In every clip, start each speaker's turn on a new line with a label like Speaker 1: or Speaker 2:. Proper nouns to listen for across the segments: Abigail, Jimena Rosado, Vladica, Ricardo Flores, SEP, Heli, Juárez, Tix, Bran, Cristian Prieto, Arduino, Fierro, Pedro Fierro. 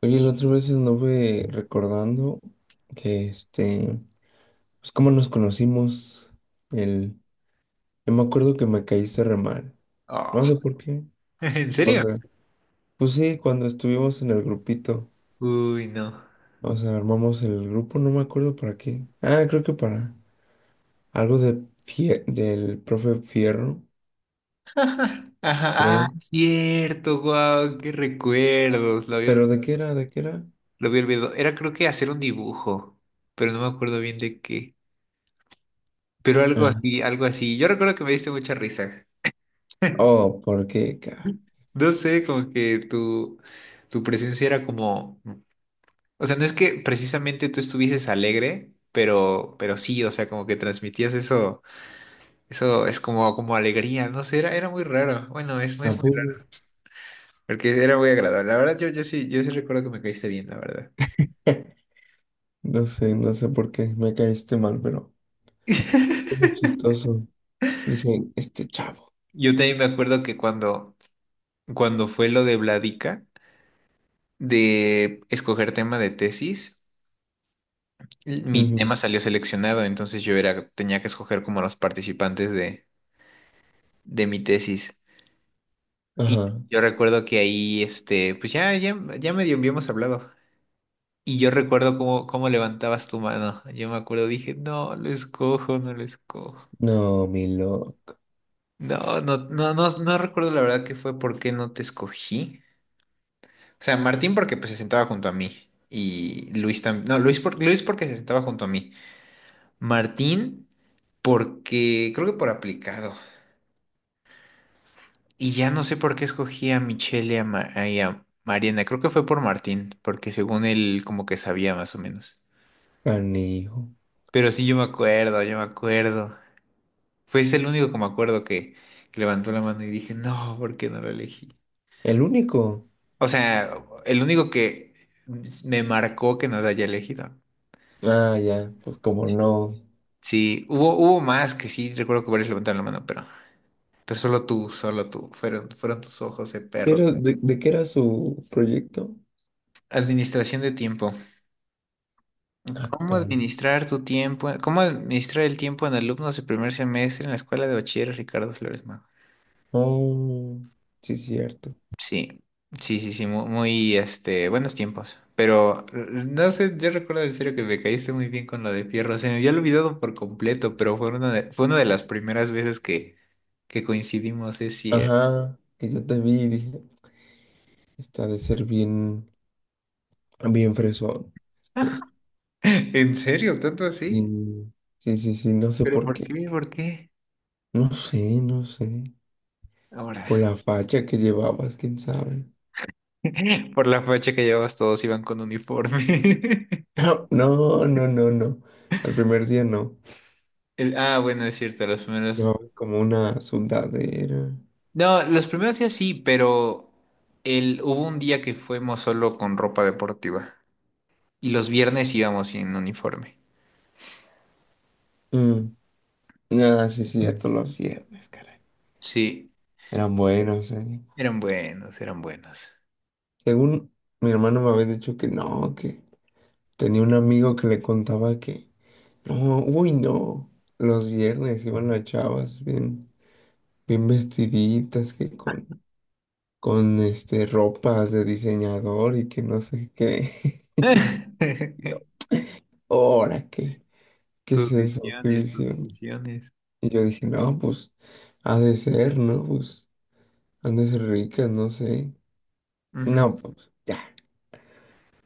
Speaker 1: Oye, la otra vez anduve recordando que pues cómo nos conocimos, el, yo me acuerdo que me caíste re mal, no
Speaker 2: Ah,
Speaker 1: sé por qué,
Speaker 2: ¿en
Speaker 1: o
Speaker 2: serio?
Speaker 1: sea, pues sí, cuando estuvimos en el grupito.
Speaker 2: Uy, no.
Speaker 1: O sea, armamos el grupo, no me acuerdo para qué. Creo que para algo de del profe Fierro,
Speaker 2: Ajá, ah,
Speaker 1: creo.
Speaker 2: cierto, guau, qué recuerdos. Lo había, ol-
Speaker 1: Pero ¿de qué era? ¿De qué era?
Speaker 2: lo había olvidado. Era creo que hacer un dibujo, pero no me acuerdo bien de qué. Pero algo
Speaker 1: Ah,
Speaker 2: así, algo así. Yo recuerdo que me diste mucha risa.
Speaker 1: oh, ¿por qué,
Speaker 2: No sé, como que tu presencia era como, o sea, no es que precisamente tú estuvieses alegre, pero sí, o sea, como que transmitías eso, eso es como alegría, no sé, era muy raro. Bueno, es,
Speaker 1: ¿A
Speaker 2: es muy raro.
Speaker 1: poco?
Speaker 2: Porque era muy agradable. La verdad, yo sí recuerdo que me caíste bien, la verdad.
Speaker 1: No sé, no sé por qué me caíste mal, pero fue muy chistoso. Dije, este chavo.
Speaker 2: Yo también me acuerdo que cuando fue lo de Vladica, de escoger tema de tesis, mi
Speaker 1: Ujú.
Speaker 2: tema salió seleccionado, entonces yo era, tenía que escoger como los participantes de mi tesis. Y
Speaker 1: Ajá.
Speaker 2: yo recuerdo que ahí, pues ya medio habíamos hablado. Y yo recuerdo cómo levantabas tu mano. Yo me acuerdo, dije, no, lo escojo, no lo escojo.
Speaker 1: No, mi loco.
Speaker 2: No, no, no, no, no recuerdo la verdad que fue por qué no te escogí. O sea, Martín porque pues, se sentaba junto a mí. Y Luis también. No, Luis porque se sentaba junto a mí. Martín porque creo que por aplicado. Y ya no sé por qué escogí a Michelle y a, Mariana. Creo que fue por Martín, porque según él como que sabía más o menos.
Speaker 1: Canijo.
Speaker 2: Pero sí, yo me acuerdo, yo me acuerdo. Fue ese el único que me acuerdo que levantó la mano y dije, no, ¿por qué no lo elegí?
Speaker 1: ¿El único?
Speaker 2: O sea, el único que me marcó que nos haya elegido.
Speaker 1: Ah, ya. Pues como no.
Speaker 2: Sí, hubo más que sí, recuerdo que varios levantaron la mano, pero solo tú, solo tú. Fueron tus ojos de
Speaker 1: ¿Qué
Speaker 2: perro.
Speaker 1: de qué era su proyecto?
Speaker 2: Administración de tiempo.
Speaker 1: Ah,
Speaker 2: ¿Cómo
Speaker 1: caray.
Speaker 2: administrar tu tiempo? ¿Cómo administrar el tiempo en alumnos de primer semestre en la escuela de bachiller Ricardo Flores?
Speaker 1: Oh, sí, cierto.
Speaker 2: Sí, sí, sí, sí, muy, buenos tiempos. Pero no sé, yo recuerdo en serio que me caíste muy bien con lo de Fierro. Se me había olvidado por completo, pero fue una de las primeras veces que coincidimos, es cierto.
Speaker 1: Ajá. Que yo te vi y dije, está de ser bien, bien fresón. Este,
Speaker 2: ¿En serio? ¿Tanto así?
Speaker 1: bien- Sí, sí, sí, no sé
Speaker 2: ¿Pero
Speaker 1: por
Speaker 2: por
Speaker 1: qué.
Speaker 2: qué? ¿Por qué?
Speaker 1: No sé, no sé.
Speaker 2: Ahora,
Speaker 1: Por la facha que llevabas, quién sabe.
Speaker 2: por la facha que llevabas, todos iban con uniforme.
Speaker 1: No, no, no, no, no. Al primer día no.
Speaker 2: Ah, bueno, es cierto, los primeros.
Speaker 1: Llevaba como una sudadera.
Speaker 2: No, los primeros días sí, pero hubo un día que fuimos solo con ropa deportiva. Y los viernes íbamos en uniforme.
Speaker 1: Mm. Ah, sí, sí, cierto, los viernes, caray.
Speaker 2: Sí,
Speaker 1: Eran buenos, eh.
Speaker 2: eran buenos, eran buenos.
Speaker 1: Según mi hermano me había dicho que no, que tenía un amigo que le contaba que no, uy, no. Los viernes iban las chavas bien, bien vestiditas, que con este ropas de diseñador y que no sé qué. Ahora qué, ¿qué es
Speaker 2: Tus
Speaker 1: eso? ¿Qué
Speaker 2: visiones, tus
Speaker 1: visión?
Speaker 2: visiones.
Speaker 1: Y yo dije, no, pues, ha de ser, ¿no? Pues, han de ser ricas, no sé.
Speaker 2: Ujú.
Speaker 1: No, pues, ya.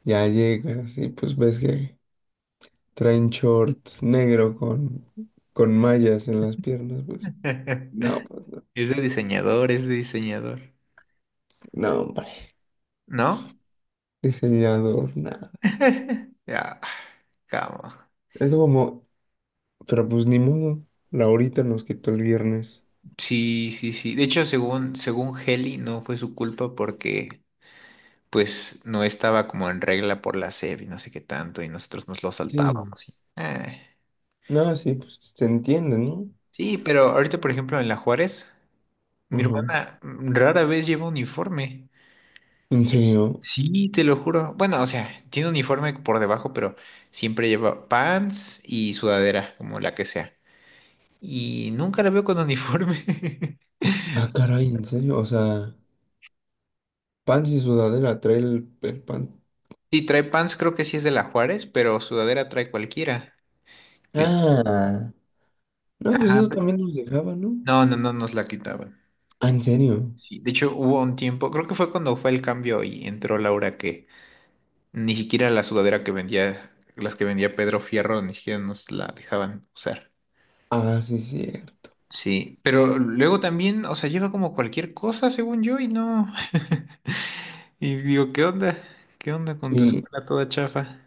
Speaker 1: Ya llegas y pues ves que traen shorts negro con mallas en las piernas, pues. No, pues, no.
Speaker 2: Es de diseñador, es de diseñador.
Speaker 1: No, hombre.
Speaker 2: ¿No?
Speaker 1: Diseñador, nada.
Speaker 2: Ya, cama.
Speaker 1: Eso como, pero pues ni modo. La horita nos quitó el viernes.
Speaker 2: Sí, sí, sí. De hecho, según Heli, no fue su culpa porque pues no estaba como en regla por la SEP y no sé qué tanto, y nosotros nos lo
Speaker 1: Sí.
Speaker 2: saltábamos, y, eh.
Speaker 1: No, sí, pues se entiende, ¿no?
Speaker 2: Sí, pero ahorita, por ejemplo, en la Juárez. Mi
Speaker 1: Ajá.
Speaker 2: hermana rara vez lleva uniforme.
Speaker 1: ¿En serio?
Speaker 2: Sí, te lo juro. Bueno, o sea, tiene uniforme por debajo, pero siempre lleva pants y sudadera, como la que sea. Y nunca la veo con uniforme.
Speaker 1: Ah, caray, ¿en serio? O sea, pants y sudadera, trae el
Speaker 2: Sí, trae pants, creo que sí es de la Juárez, pero sudadera trae cualquiera. Pues,
Speaker 1: Ah, no, pues
Speaker 2: ajá.
Speaker 1: eso también nos dejaba, ¿no?
Speaker 2: No, no, no nos la quitaban.
Speaker 1: Ah, ¿en serio?
Speaker 2: Sí, de hecho hubo un tiempo, creo que fue cuando fue el cambio y entró Laura que ni siquiera la sudadera que vendía, las que vendía Pedro Fierro, ni siquiera nos la dejaban usar.
Speaker 1: Ah, sí, cierto.
Speaker 2: Sí, pero luego también, o sea, lleva como cualquier cosa, según yo, y no. Y digo, ¿qué onda? ¿Qué onda con tu
Speaker 1: Sí,
Speaker 2: escuela toda chafa?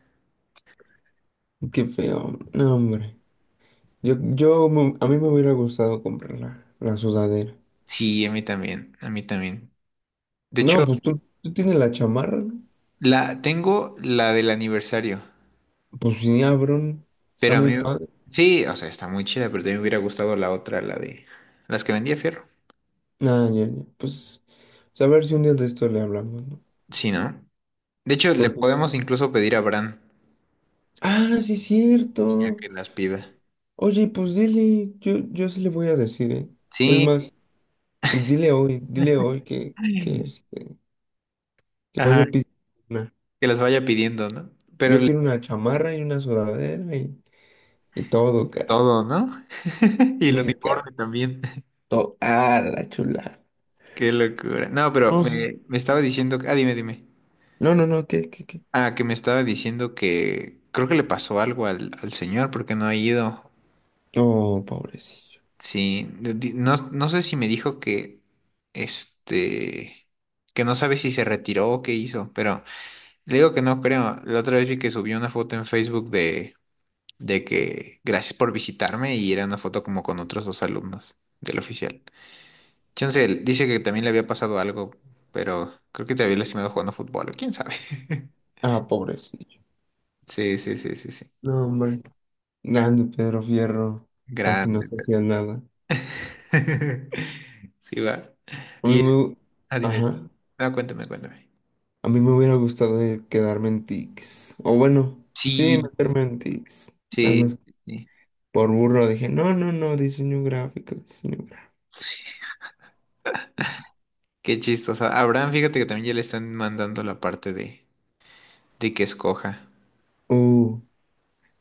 Speaker 1: qué feo. No, hombre. A mí me hubiera gustado comprar la sudadera.
Speaker 2: Sí, a mí también, a mí también. De hecho,
Speaker 1: No, pues tú tienes la chamarra, ¿no?
Speaker 2: la tengo la del aniversario,
Speaker 1: Pues sí, abrón. Está
Speaker 2: pero a
Speaker 1: muy
Speaker 2: mí
Speaker 1: padre.
Speaker 2: sí, o sea, está muy chida, pero también me hubiera gustado la otra, la de las que vendía Fierro.
Speaker 1: Ah, ya, ya. Pues, pues, a ver si un día de esto le hablamos, ¿no?
Speaker 2: Sí, ¿no? De hecho, le
Speaker 1: Porque...
Speaker 2: podemos incluso pedir a Bran
Speaker 1: Ah, sí,
Speaker 2: y ya
Speaker 1: cierto.
Speaker 2: que las pida.
Speaker 1: Oye, pues dile, yo sí le voy a decir, ¿eh? Es
Speaker 2: Sí,
Speaker 1: más, pues dile hoy que este... que voy a
Speaker 2: ajá,
Speaker 1: pedir una.
Speaker 2: que las vaya pidiendo, ¿no? Pero
Speaker 1: Yo quiero una chamarra y una sudadera y todo, cara.
Speaker 2: todo, ¿no? Y el
Speaker 1: Mi cara.
Speaker 2: uniforme también.
Speaker 1: Todo. Ah, la chulada.
Speaker 2: Qué locura. No, pero
Speaker 1: No, sí.
Speaker 2: me estaba diciendo, ah, dime, dime.
Speaker 1: No, no, no, ¿qué, qué, qué?
Speaker 2: Ah, que me estaba diciendo que creo que le pasó algo al señor porque no ha ido.
Speaker 1: Oh, pobrecillo.
Speaker 2: Sí, no, no sé si me dijo que, este, que no sabe si se retiró o qué hizo, pero le digo que no creo. La otra vez vi que subió una foto en Facebook de que gracias por visitarme y era una foto como con otros dos alumnos del oficial. Chance, él dice que también le había pasado algo, pero creo que te había lastimado jugando fútbol, o quién sabe.
Speaker 1: Ah, pobrecillo.
Speaker 2: Sí, sí, sí, sí, sí.
Speaker 1: No, hombre. Grande Pedro Fierro. Casi no
Speaker 2: Grande.
Speaker 1: se hacía nada.
Speaker 2: Sí, va.
Speaker 1: A mí
Speaker 2: Y,
Speaker 1: me... hu-
Speaker 2: ah, dime,
Speaker 1: Ajá.
Speaker 2: ah, cuéntame, cuéntame.
Speaker 1: A mí me hubiera gustado quedarme en Tix. O bueno, sí,
Speaker 2: Sí,
Speaker 1: meterme en Tix. Nada
Speaker 2: sí,
Speaker 1: más
Speaker 2: sí.
Speaker 1: por burro dije, no, no, no, diseño gráfico, diseño gráfico.
Speaker 2: Qué chistoso. A Abraham, fíjate que también ya le están mandando la parte de que escoja.
Speaker 1: Uh.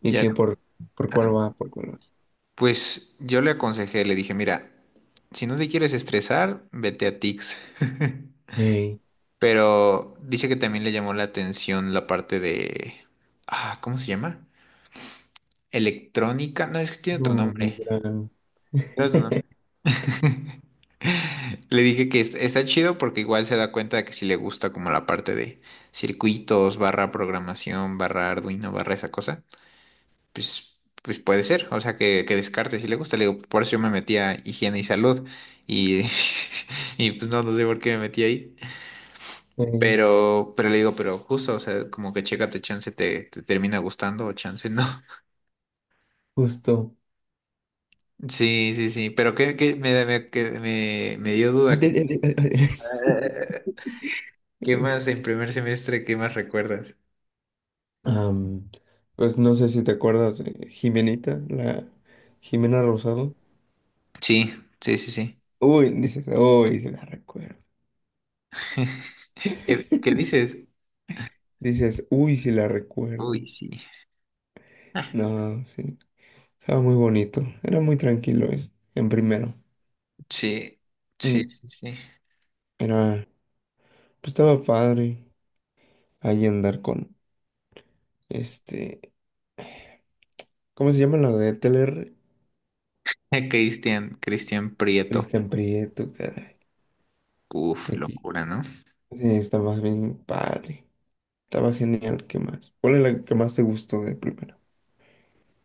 Speaker 1: ¿Y
Speaker 2: Ya,
Speaker 1: que por
Speaker 2: ah,
Speaker 1: cuál va? ¿Por cuál va?
Speaker 2: pues yo le aconsejé, le dije, mira, si no te quieres estresar, vete a Tix.
Speaker 1: Ey,
Speaker 2: Pero dice que también le llamó la atención la parte de. Ah, ¿cómo se llama? Electrónica. No, es que tiene otro
Speaker 1: no, mi
Speaker 2: nombre.
Speaker 1: gran.
Speaker 2: Pero eso no. Le dije que está chido porque igual se da cuenta de que sí le gusta como la parte de circuitos, barra programación, barra Arduino, barra esa cosa. Pues, puede ser. O sea, que descarte si le gusta. Le digo, por eso yo me metí a higiene y salud. Y, y pues no, no sé por qué me metí ahí.
Speaker 1: Ey,
Speaker 2: Pero, le digo, pero justo, o sea, como que chécate, chance te termina gustando o chance no.
Speaker 1: justo.
Speaker 2: Sí, sí, sí, pero que me dio duda. ¿Qué,
Speaker 1: Antes- antes- antes-
Speaker 2: qué más en primer semestre, qué más recuerdas?
Speaker 1: Am, pues no sé si te acuerdas de Jimenita, la Jimena Rosado.
Speaker 2: Sí, sí, sí, sí.
Speaker 1: Uy, dices, uy, si la recuerdo.
Speaker 2: ¿Qué dices?
Speaker 1: Dices, uy, si la recuerdo.
Speaker 2: Uy, sí.
Speaker 1: No, sí. Estaba muy bonito. Era muy tranquilo es, en primero.
Speaker 2: Sí, sí,
Speaker 1: Mm.
Speaker 2: sí, sí.
Speaker 1: Era, pues estaba padre ahí andar con este. ¿Cómo se llama la de Teller?
Speaker 2: Cristian, Cristian Prieto.
Speaker 1: Cristian Prieto, caray.
Speaker 2: Uf,
Speaker 1: Aquí.
Speaker 2: locura, ¿no?
Speaker 1: Sí, está más bien padre. Estaba genial. ¿Qué más? ¿Cuál es la que más te gustó de primero?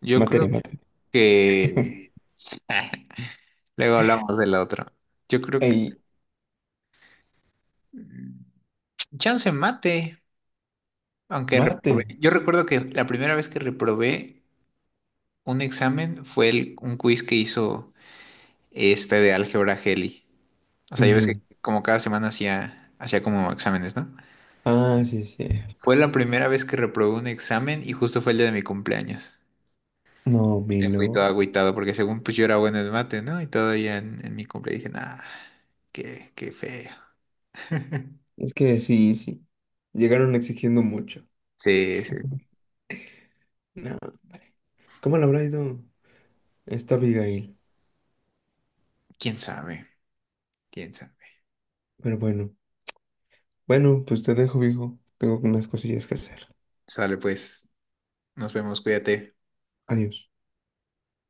Speaker 2: Yo creo
Speaker 1: Materia, materia.
Speaker 2: que. Luego hablamos del otro. Yo creo que.
Speaker 1: Ey,
Speaker 2: mm, Chance mate. Aunque reprobé.
Speaker 1: mate.
Speaker 2: Yo recuerdo que la primera vez que reprobé un examen fue un quiz que hizo de álgebra Heli. O sea, ya ves que
Speaker 1: Ujú.
Speaker 2: como cada semana hacía, hacía como exámenes, ¿no?
Speaker 1: Ah, sí, sí.
Speaker 2: Fue la primera vez que reprobé un examen y justo fue el día de mi cumpleaños.
Speaker 1: No, mi
Speaker 2: Me fui todo
Speaker 1: loco.
Speaker 2: agüitado porque según pues yo era bueno en mate, ¿no? Y todavía en mi cumpleaños dije, nah, qué feo.
Speaker 1: Es que sí, sí. Llegaron exigiendo mucho.
Speaker 2: Sí, sí.
Speaker 1: No. ¿Cómo le habrá ido esta Abigail?
Speaker 2: ¿Quién sabe? ¿Quién sabe?
Speaker 1: Pero bueno. Bueno, pues te dejo, viejo. Tengo unas cosillas que hacer.
Speaker 2: Sale pues. Nos vemos, cuídate.
Speaker 1: Adiós.